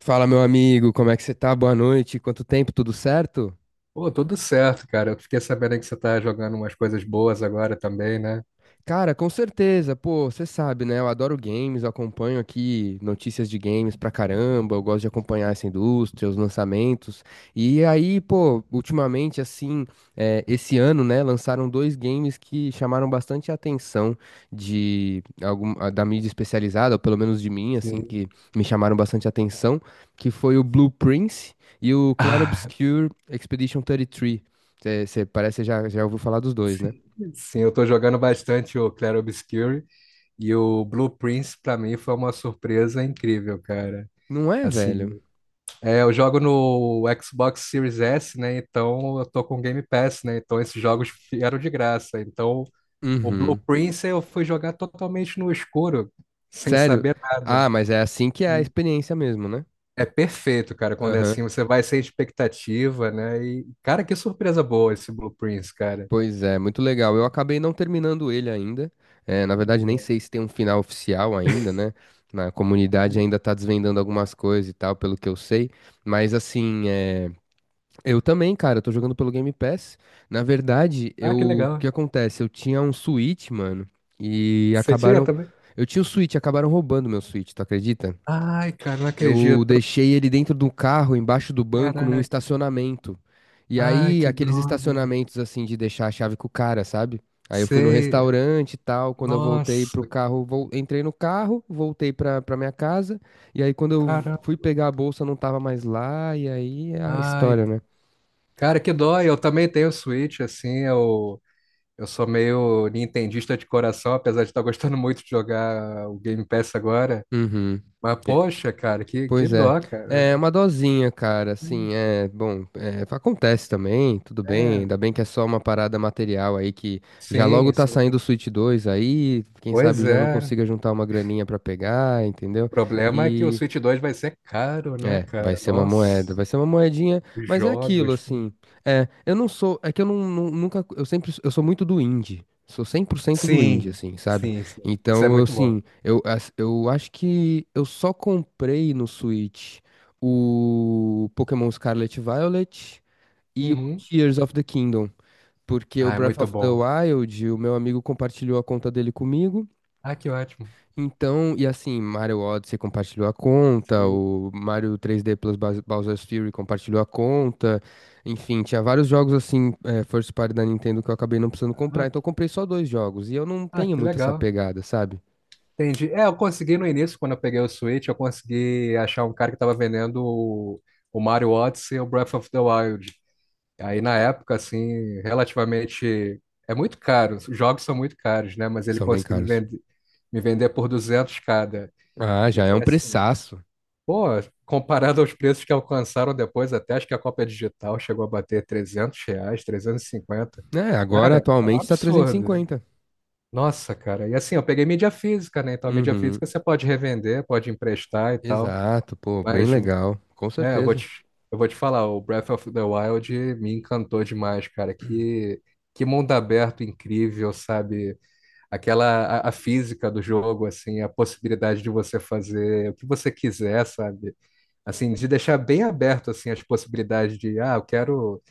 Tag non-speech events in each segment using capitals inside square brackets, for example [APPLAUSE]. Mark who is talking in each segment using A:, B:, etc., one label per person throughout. A: Fala, meu amigo, como é que você tá? Boa noite. Quanto tempo, tudo certo?
B: Pô, tudo certo, cara. Eu fiquei sabendo que você tá jogando umas coisas boas agora também, né?
A: Cara, com certeza. Pô, você sabe, né? Eu adoro games, eu acompanho aqui notícias de games pra caramba, eu gosto de acompanhar essa indústria, os lançamentos. E aí, pô, ultimamente, assim, esse ano, né, lançaram dois games que chamaram bastante a atenção de da mídia especializada, ou pelo menos de mim, assim,
B: Sim.
A: que
B: [LAUGHS]
A: me chamaram bastante a atenção, que foi o Blue Prince e o Clair
B: Ah,
A: Obscur Expedition 33. Você parece que já ouviu falar dos dois, né?
B: sim, sim, eu tô jogando bastante o Clair Obscur e o Blue Prince pra mim foi uma surpresa incrível, cara.
A: Não é, velho?
B: Assim, é, eu jogo no Xbox Series S, né? Então eu tô com Game Pass, né? Então esses jogos vieram de graça. Então o Blue
A: Uhum.
B: Prince eu fui jogar totalmente no escuro, sem
A: Sério?
B: saber
A: Ah,
B: nada.
A: mas é assim que é a experiência mesmo, né?
B: É perfeito, cara, quando é
A: Aham.
B: assim, você vai sem expectativa, né? E, cara, que surpresa boa esse Blue Prince, cara.
A: Pois é, muito legal. Eu acabei não terminando ele ainda. É, na verdade, nem
B: É.
A: sei se tem um final oficial ainda, né? Na comunidade ainda tá desvendando algumas coisas e tal, pelo que eu sei. Mas assim, eu também, cara, eu tô jogando pelo Game Pass. Na verdade,
B: Ah, que
A: o que
B: legal.
A: acontece? Eu tinha um Switch, mano, e
B: Você tinha
A: acabaram.
B: também?
A: Eu tinha o Switch, acabaram roubando meu Switch, tu acredita?
B: Ai, cara, não
A: Eu
B: acredito.
A: deixei ele dentro do carro, embaixo do banco, num
B: Caraca.
A: estacionamento. E
B: Ai,
A: aí,
B: que
A: aqueles
B: droga.
A: estacionamentos assim de deixar a chave com o cara, sabe? Aí eu fui no
B: Sei.
A: restaurante e tal. Quando eu voltei pro
B: Nossa,
A: carro, entrei no carro, voltei pra minha casa. E aí, quando eu
B: cara.
A: fui pegar a bolsa, não tava mais lá. E aí é a
B: Ai,
A: história, né?
B: cara, que dó. Eu também tenho Switch, assim, eu sou meio nintendista de coração, apesar de estar gostando muito de jogar o Game Pass agora.
A: Uhum.
B: Mas, poxa, cara, que
A: Pois é.
B: dó,
A: É
B: cara.
A: uma dosinha, cara. Assim, é bom. Acontece também, tudo bem.
B: É,
A: Ainda bem que é só uma parada material aí que já logo
B: sim,
A: tá
B: sim.
A: saindo o Switch 2 aí. Quem sabe
B: Pois
A: já não
B: é.
A: consiga juntar uma graninha pra pegar, entendeu?
B: O problema é que o Switch 2 vai ser caro, né,
A: É, vai
B: cara?
A: ser uma
B: Nossa,
A: moeda, vai ser uma moedinha,
B: os
A: mas é aquilo,
B: jogos.
A: assim. É, eu não sou, é que eu não, não- nunca, eu sempre, eu sou muito do indie, sou 100% do indie,
B: Sim,
A: assim, sabe?
B: sim, sim. Isso é
A: Então, eu,
B: muito bom.
A: assim, eu, as- eu acho que eu só comprei no Switch o Pokémon Scarlet e Violet e o
B: Uhum.
A: Tears of the Kingdom, porque o
B: Ah, é
A: Breath
B: muito
A: of the
B: bom.
A: Wild, o meu amigo compartilhou a conta dele comigo.
B: Ah, que ótimo.
A: Então, e assim, Mario Odyssey compartilhou a conta,
B: Sim.
A: o Mario 3D Plus Bowser's Fury compartilhou a conta, enfim, tinha vários jogos assim, first party da Nintendo que eu acabei não precisando comprar,
B: Ah,
A: então eu
B: que
A: comprei só dois jogos, e eu não
B: ah,
A: tenho
B: que
A: muito essa
B: legal.
A: pegada, sabe?
B: Entendi. É, eu consegui no início, quando eu peguei o Switch, eu consegui achar um cara que tava vendendo o Mario Odyssey e o Breath of the Wild. Aí na época, assim, relativamente. É muito caro, os jogos são muito caros, né? Mas ele
A: São bem
B: conseguiu me
A: caros.
B: vender, me vender por 200 cada.
A: Ah,
B: E
A: já é um
B: aí, assim,
A: preçaço.
B: pô, comparado aos preços que alcançaram depois, até acho que a cópia digital chegou a bater R$ 300, 350.
A: É, agora
B: Cara, é um
A: atualmente tá
B: absurdo.
A: 350.
B: Nossa, cara. E assim, eu peguei mídia física, né? Então, a mídia
A: Uhum,
B: física você pode revender, pode emprestar e tal.
A: exato, pô, bem
B: Mas,
A: legal, com
B: né? eu vou
A: certeza.
B: te, eu vou te falar, o Breath of the Wild me encantou demais, cara. Que mundo aberto incrível, sabe? aquela a física do jogo, assim, a possibilidade de você fazer o que você quiser, sabe? Assim, de deixar bem aberto assim as possibilidades de, ah, eu quero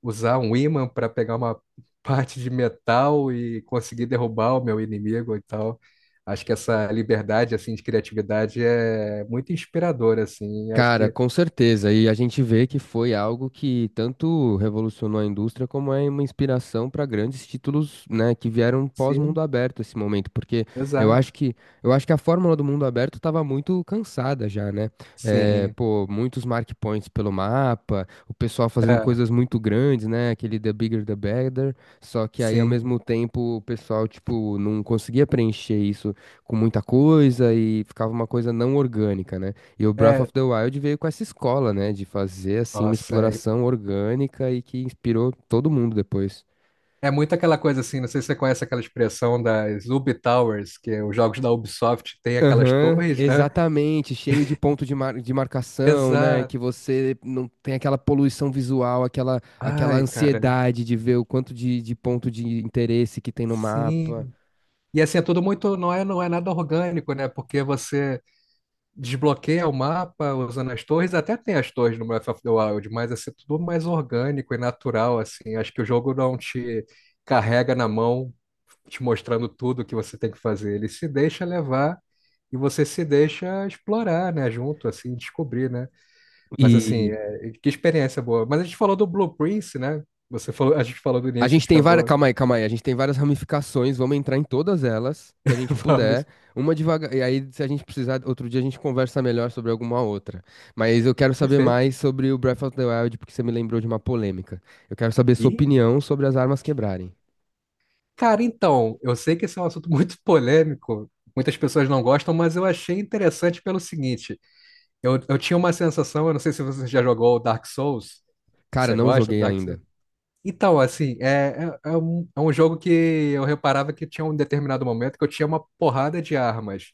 B: usar um ímã para pegar uma [LAUGHS] parte de metal e conseguir derrubar o meu inimigo e tal. Acho que essa liberdade assim de criatividade é muito inspiradora assim. Acho
A: Cara,
B: que
A: com certeza. E a gente vê que foi algo que tanto revolucionou a indústria como é uma inspiração para grandes títulos, né, que vieram pós-mundo
B: sim,
A: aberto esse momento, porque eu acho
B: exato.
A: que eu acho que a fórmula do mundo aberto estava muito cansada já, né?
B: Sim.
A: Pô, muitos mark points pelo mapa, o pessoal fazendo
B: É,
A: coisas muito grandes, né? Aquele The Bigger the Better. Só que aí ao
B: sim.
A: mesmo tempo o pessoal tipo não conseguia preencher isso com muita coisa e ficava uma coisa não orgânica, né? E o Breath
B: É,
A: of the Wild veio com essa escola, né, de fazer assim uma
B: nossa, é,
A: exploração orgânica e que inspirou todo mundo depois.
B: é muito aquela coisa assim, não sei se você conhece aquela expressão das Ubi Towers, que os jogos da Ubisoft têm aquelas
A: Aham,
B: torres, né?
A: exatamente, cheio de ponto de marcação, né, que
B: Exato.
A: você não tem aquela poluição visual, aquela
B: Ai, cara.
A: ansiedade de ver o quanto de ponto de interesse que tem no mapa.
B: Sim. E assim, é tudo muito, não é nada orgânico, né? Porque você desbloqueia o mapa usando as torres, até tem as torres no Breath of the Wild, mas assim, é tudo mais orgânico e natural, assim. Acho que o jogo não te carrega na mão, te mostrando tudo que você tem que fazer. Ele se deixa levar e você se deixa explorar, né? Junto, assim, descobrir, né? Mas assim, é, que experiência boa. Mas a gente falou do Blue Prince, né? Você falou, a gente falou do
A: A
B: início, a
A: gente
B: gente
A: tem várias.
B: acabou.
A: Calma aí, calma aí. A gente tem várias ramificações. Vamos entrar em todas elas que a gente
B: [LAUGHS]
A: puder.
B: Vamos.
A: Uma devagar. E aí, se a gente precisar, outro dia a gente conversa melhor sobre alguma outra. Mas eu quero saber
B: Perfeito.
A: mais sobre o Breath of the Wild, porque você me lembrou de uma polêmica. Eu quero saber sua
B: E
A: opinião sobre as armas quebrarem.
B: Cara, então, eu sei que esse é um assunto [LAUGHS] muito polêmico, muitas pessoas não gostam, mas eu achei interessante pelo seguinte: eu tinha uma sensação, eu não sei se você já jogou Dark Souls, se
A: Cara,
B: você
A: não
B: gosta,
A: joguei ainda.
B: Então, assim, é um jogo que eu reparava que tinha um determinado momento que eu tinha uma porrada de armas.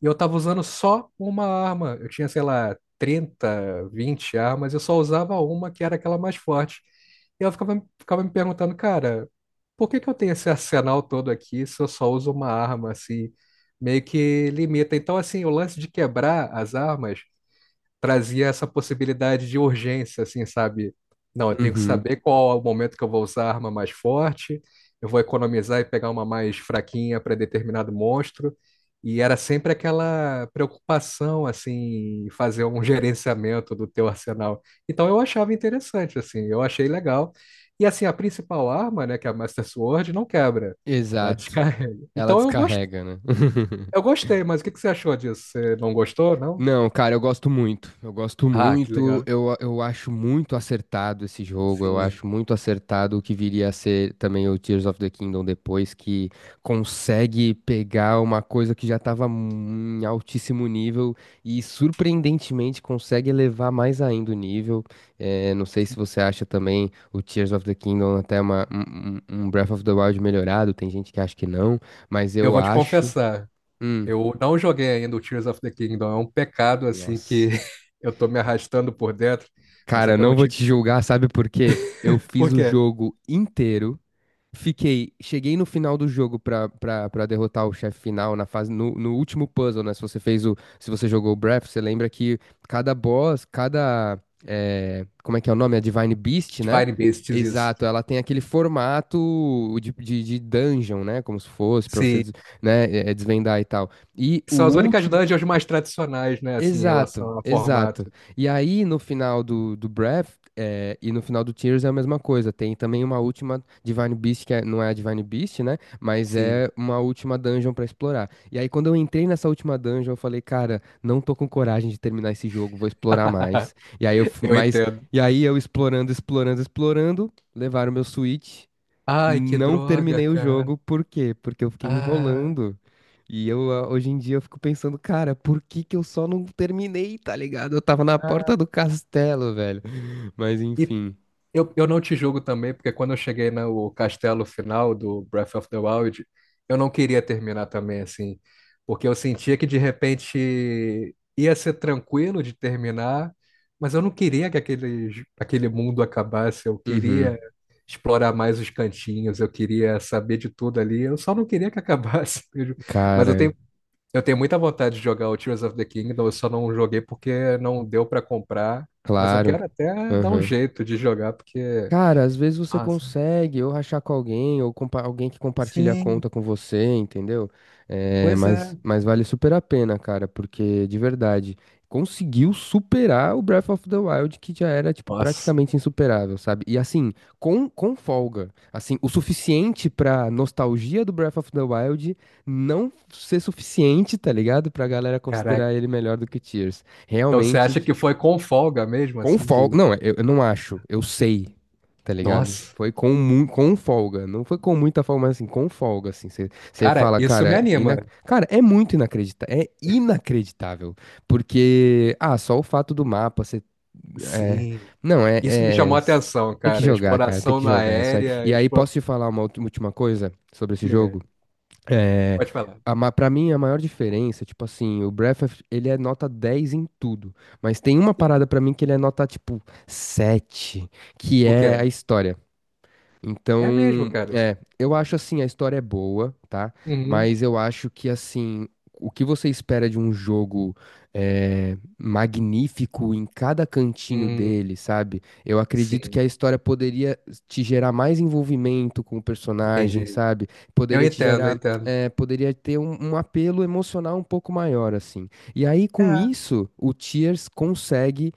B: E eu tava usando só uma arma. Eu tinha, sei lá, 30 20 armas, eu só usava uma que era aquela mais forte. E eu ficava me perguntando, cara, por que que eu tenho esse arsenal todo aqui se eu só uso uma arma, assim, meio que limita. Então, assim, o lance de quebrar as armas trazia essa possibilidade de urgência, assim, sabe? Não, eu tenho que
A: Uhum.
B: saber qual é o momento que eu vou usar a arma mais forte, eu vou economizar e pegar uma mais fraquinha para determinado monstro. E era sempre aquela preocupação, assim, em fazer um gerenciamento do teu arsenal. Então eu achava interessante, assim, eu achei legal. E assim, a principal arma, né, que é a Master Sword, não quebra, ela [LAUGHS]
A: Exato.
B: descarrega.
A: Ela
B: Então eu gos-
A: descarrega, né? [LAUGHS]
B: eu gostei, mas o que que você achou disso? Você não gostou, não?
A: Não, cara, eu gosto muito. Eu gosto
B: Ah, que
A: muito.
B: legal.
A: Eu acho muito acertado esse jogo. Eu
B: Sim.
A: acho muito acertado o que viria a ser também o Tears of the Kingdom depois, que consegue pegar uma coisa que já estava em altíssimo nível e surpreendentemente consegue elevar mais ainda o nível. É, não sei se você acha também o Tears of the Kingdom até uma, um, um um Breath of the Wild melhorado. Tem gente que acha que não, mas
B: Eu
A: eu
B: vou te
A: acho.
B: confessar,
A: Hum,
B: eu não joguei ainda o Tears of the Kingdom. É um pecado, assim, que
A: nossa.
B: [LAUGHS] eu tô me arrastando por dentro, mas é
A: Cara,
B: que eu
A: não
B: não
A: vou te
B: tive.
A: julgar, sabe por quê? Eu fiz
B: Por
A: o
B: quê?
A: jogo inteiro, cheguei no final do jogo pra derrotar o chefe final na fase, no último puzzle, né? Se você jogou o Breath, você lembra que cada boss, como é que é o nome? A Divine Beast, né?
B: Divine Beasts, isso.
A: Exato, ela tem aquele formato de dungeon, né? Como se fosse, pra você,
B: Sim.
A: né? Desvendar e tal. E o
B: São as únicas
A: último
B: dungeons mais tradicionais, né, assim, em relação
A: Exato,
B: ao
A: exato.
B: formato.
A: E aí, no final do Breath, e no final do Tears é a mesma coisa. Tem também uma última Divine Beast, não é a Divine Beast, né? Mas
B: Sim.
A: é uma última dungeon pra explorar. E aí, quando eu entrei nessa última dungeon, eu falei, cara, não tô com coragem de terminar esse jogo, vou explorar
B: [LAUGHS]
A: mais. E aí
B: Eu entendo.
A: e aí eu explorando, explorando, explorando, levaram meu Switch.
B: Ai, que
A: Não
B: droga,
A: terminei o
B: cara.
A: jogo, por quê? Porque eu fiquei
B: Ah.
A: enrolando. E eu, hoje em dia, eu fico pensando, cara, por que que eu só não terminei, tá ligado? Eu tava na porta
B: Ah.
A: do castelo, velho. Mas
B: E
A: enfim.
B: eu não te julgo também, porque quando eu cheguei no castelo final do Breath of the Wild, eu não queria terminar também, assim, porque eu sentia que de repente ia ser tranquilo de terminar, mas eu não queria que aquele mundo acabasse, eu
A: Uhum.
B: queria explorar mais os cantinhos, eu queria saber de tudo ali, eu só não queria que acabasse. [LAUGHS] Mas eu
A: Cara,
B: tenho eu tenho muita vontade de jogar o Tears of the Kingdom, eu só não joguei porque não deu pra comprar, mas eu
A: claro.
B: quero até dar um
A: Aham.
B: jeito de jogar porque.
A: Cara, às vezes você
B: Nossa.
A: consegue ou rachar com alguém, ou alguém que compartilha a conta
B: Sim,
A: com você, entendeu? É,
B: pois
A: mas,
B: é.
A: mas vale super a pena, cara, porque de verdade conseguiu superar o Breath of the Wild, que já era, tipo,
B: Nossa,
A: praticamente insuperável, sabe? E assim, com folga. Assim, o suficiente pra nostalgia do Breath of the Wild não ser suficiente, tá ligado? Pra galera
B: caraca.
A: considerar ele melhor do que Tears.
B: Então você acha
A: Realmente.
B: que foi com folga mesmo
A: Com
B: assim que
A: folga.
B: ele.
A: Não, eu não acho. Eu sei, tá ligado?
B: Nossa,
A: Foi com folga. Não foi com muita folga, mas assim, com folga, assim. Você
B: cara,
A: fala,
B: isso me
A: cara,
B: anima.
A: cara, é muito inacreditável. É inacreditável. Porque, só o fato do mapa, você. É...
B: Sim.
A: Não,
B: Isso me chamou a atenção,
A: tem que
B: cara.
A: jogar, cara. Tem
B: Exploração
A: que
B: na
A: jogar é isso aí.
B: aérea,
A: E aí,
B: expo...
A: posso te falar uma última coisa sobre esse
B: Diga,
A: jogo? É,
B: pode falar.
A: Pra mim, a maior diferença, tipo assim, o Breath, ele é nota 10 em tudo. Mas tem uma
B: Sim.
A: parada pra mim que ele é nota, tipo, 7 que
B: O quê?
A: é a história. Então,
B: É mesmo, cara.
A: eu acho assim, a história é boa, tá?
B: Uhum.
A: Mas eu acho que assim, o que você espera de um jogo é magnífico em cada cantinho
B: Hum,
A: dele, sabe? Eu acredito que
B: sim,
A: a história poderia te gerar mais envolvimento com o personagem,
B: entendi.
A: sabe?
B: Eu
A: Poderia te
B: entendo, eu
A: gerar,
B: entendo.
A: poderia ter um apelo emocional um pouco maior, assim. E aí, com
B: É.
A: isso, o Tears consegue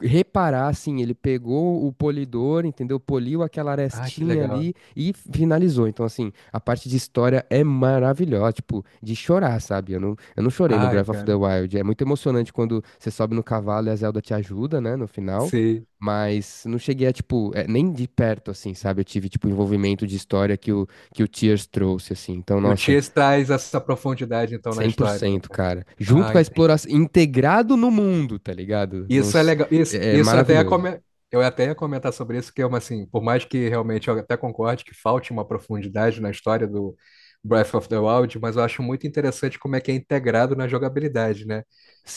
A: reparar, assim, ele pegou o polidor, entendeu? Poliu aquela
B: Ah, que
A: arestinha
B: legal.
A: ali e finalizou. Então, assim, a parte de história é maravilhosa, tipo, de chorar, sabe? Eu não chorei no
B: Ai,
A: Breath of the
B: cara,
A: Wild. É muito emocionante quando você sobe no cavalo e a Zelda te ajuda, né, no final.
B: sei.
A: Mas não cheguei a, tipo, nem de perto, assim, sabe? Eu tive, tipo, envolvimento de história que o Tears trouxe, assim. Então,
B: E o
A: nossa,
B: Cheers traz essa profundidade, então, na
A: cem por
B: história,
A: cento,
B: né?
A: cara. Junto
B: Ah,
A: com a
B: entendi.
A: exploração, integrado no mundo, tá ligado?
B: Isso é
A: Nos,
B: legal. Isso,
A: é é
B: isso até é
A: maravilhoso.
B: come... Eu até ia comentar sobre isso, que é uma, assim, por mais que realmente eu até concorde que falte uma profundidade na história do Breath of the Wild, mas eu acho muito interessante como é que é integrado na jogabilidade, né?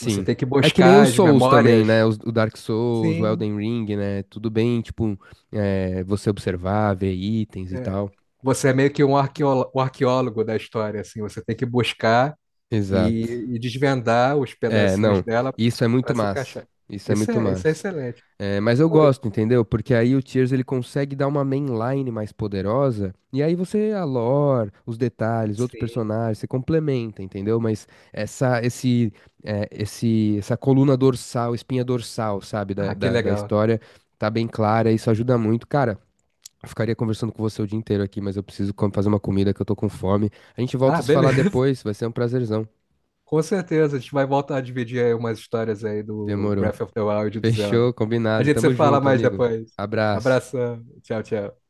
B: Você tem que
A: É que nem os
B: buscar as
A: Souls também,
B: memórias.
A: né? O Dark Souls, o
B: Sim.
A: Elden Ring, né? Tudo bem, tipo, você observar, ver itens e
B: É.
A: tal.
B: Você é meio que um arqueólogo da história, assim. Você tem que buscar
A: Exato.
B: e, e desvendar os
A: É,
B: pedacinhos
A: não.
B: dela
A: Isso é muito
B: para se
A: massa.
B: encaixar.
A: Isso é
B: Isso
A: muito
B: é, isso é
A: massa.
B: excelente.
A: É, mas eu
B: Pô.
A: gosto, entendeu? Porque aí o Tears ele consegue dar uma mainline mais poderosa, e aí você, a lore, os detalhes, outros
B: Sim.
A: personagens, você complementa, entendeu? Mas essa, esse, é, esse, essa coluna dorsal, espinha dorsal, sabe, da,
B: Ah, que
A: da, da
B: legal.
A: história, tá bem clara, isso ajuda muito. Cara, eu ficaria conversando com você o dia inteiro aqui, mas eu preciso fazer uma comida que eu tô com fome. A gente volta
B: Ah,
A: a se falar
B: beleza. [LAUGHS]
A: depois, vai ser um prazerzão.
B: Com certeza, a gente vai voltar a dividir aí umas histórias aí do
A: Demorou.
B: Breath of the Wild e do Zelda.
A: Fechou,
B: A
A: combinado.
B: gente se
A: Tamo
B: fala
A: junto,
B: mais
A: amigo.
B: depois.
A: Abraço.
B: Abração. Tchau, tchau.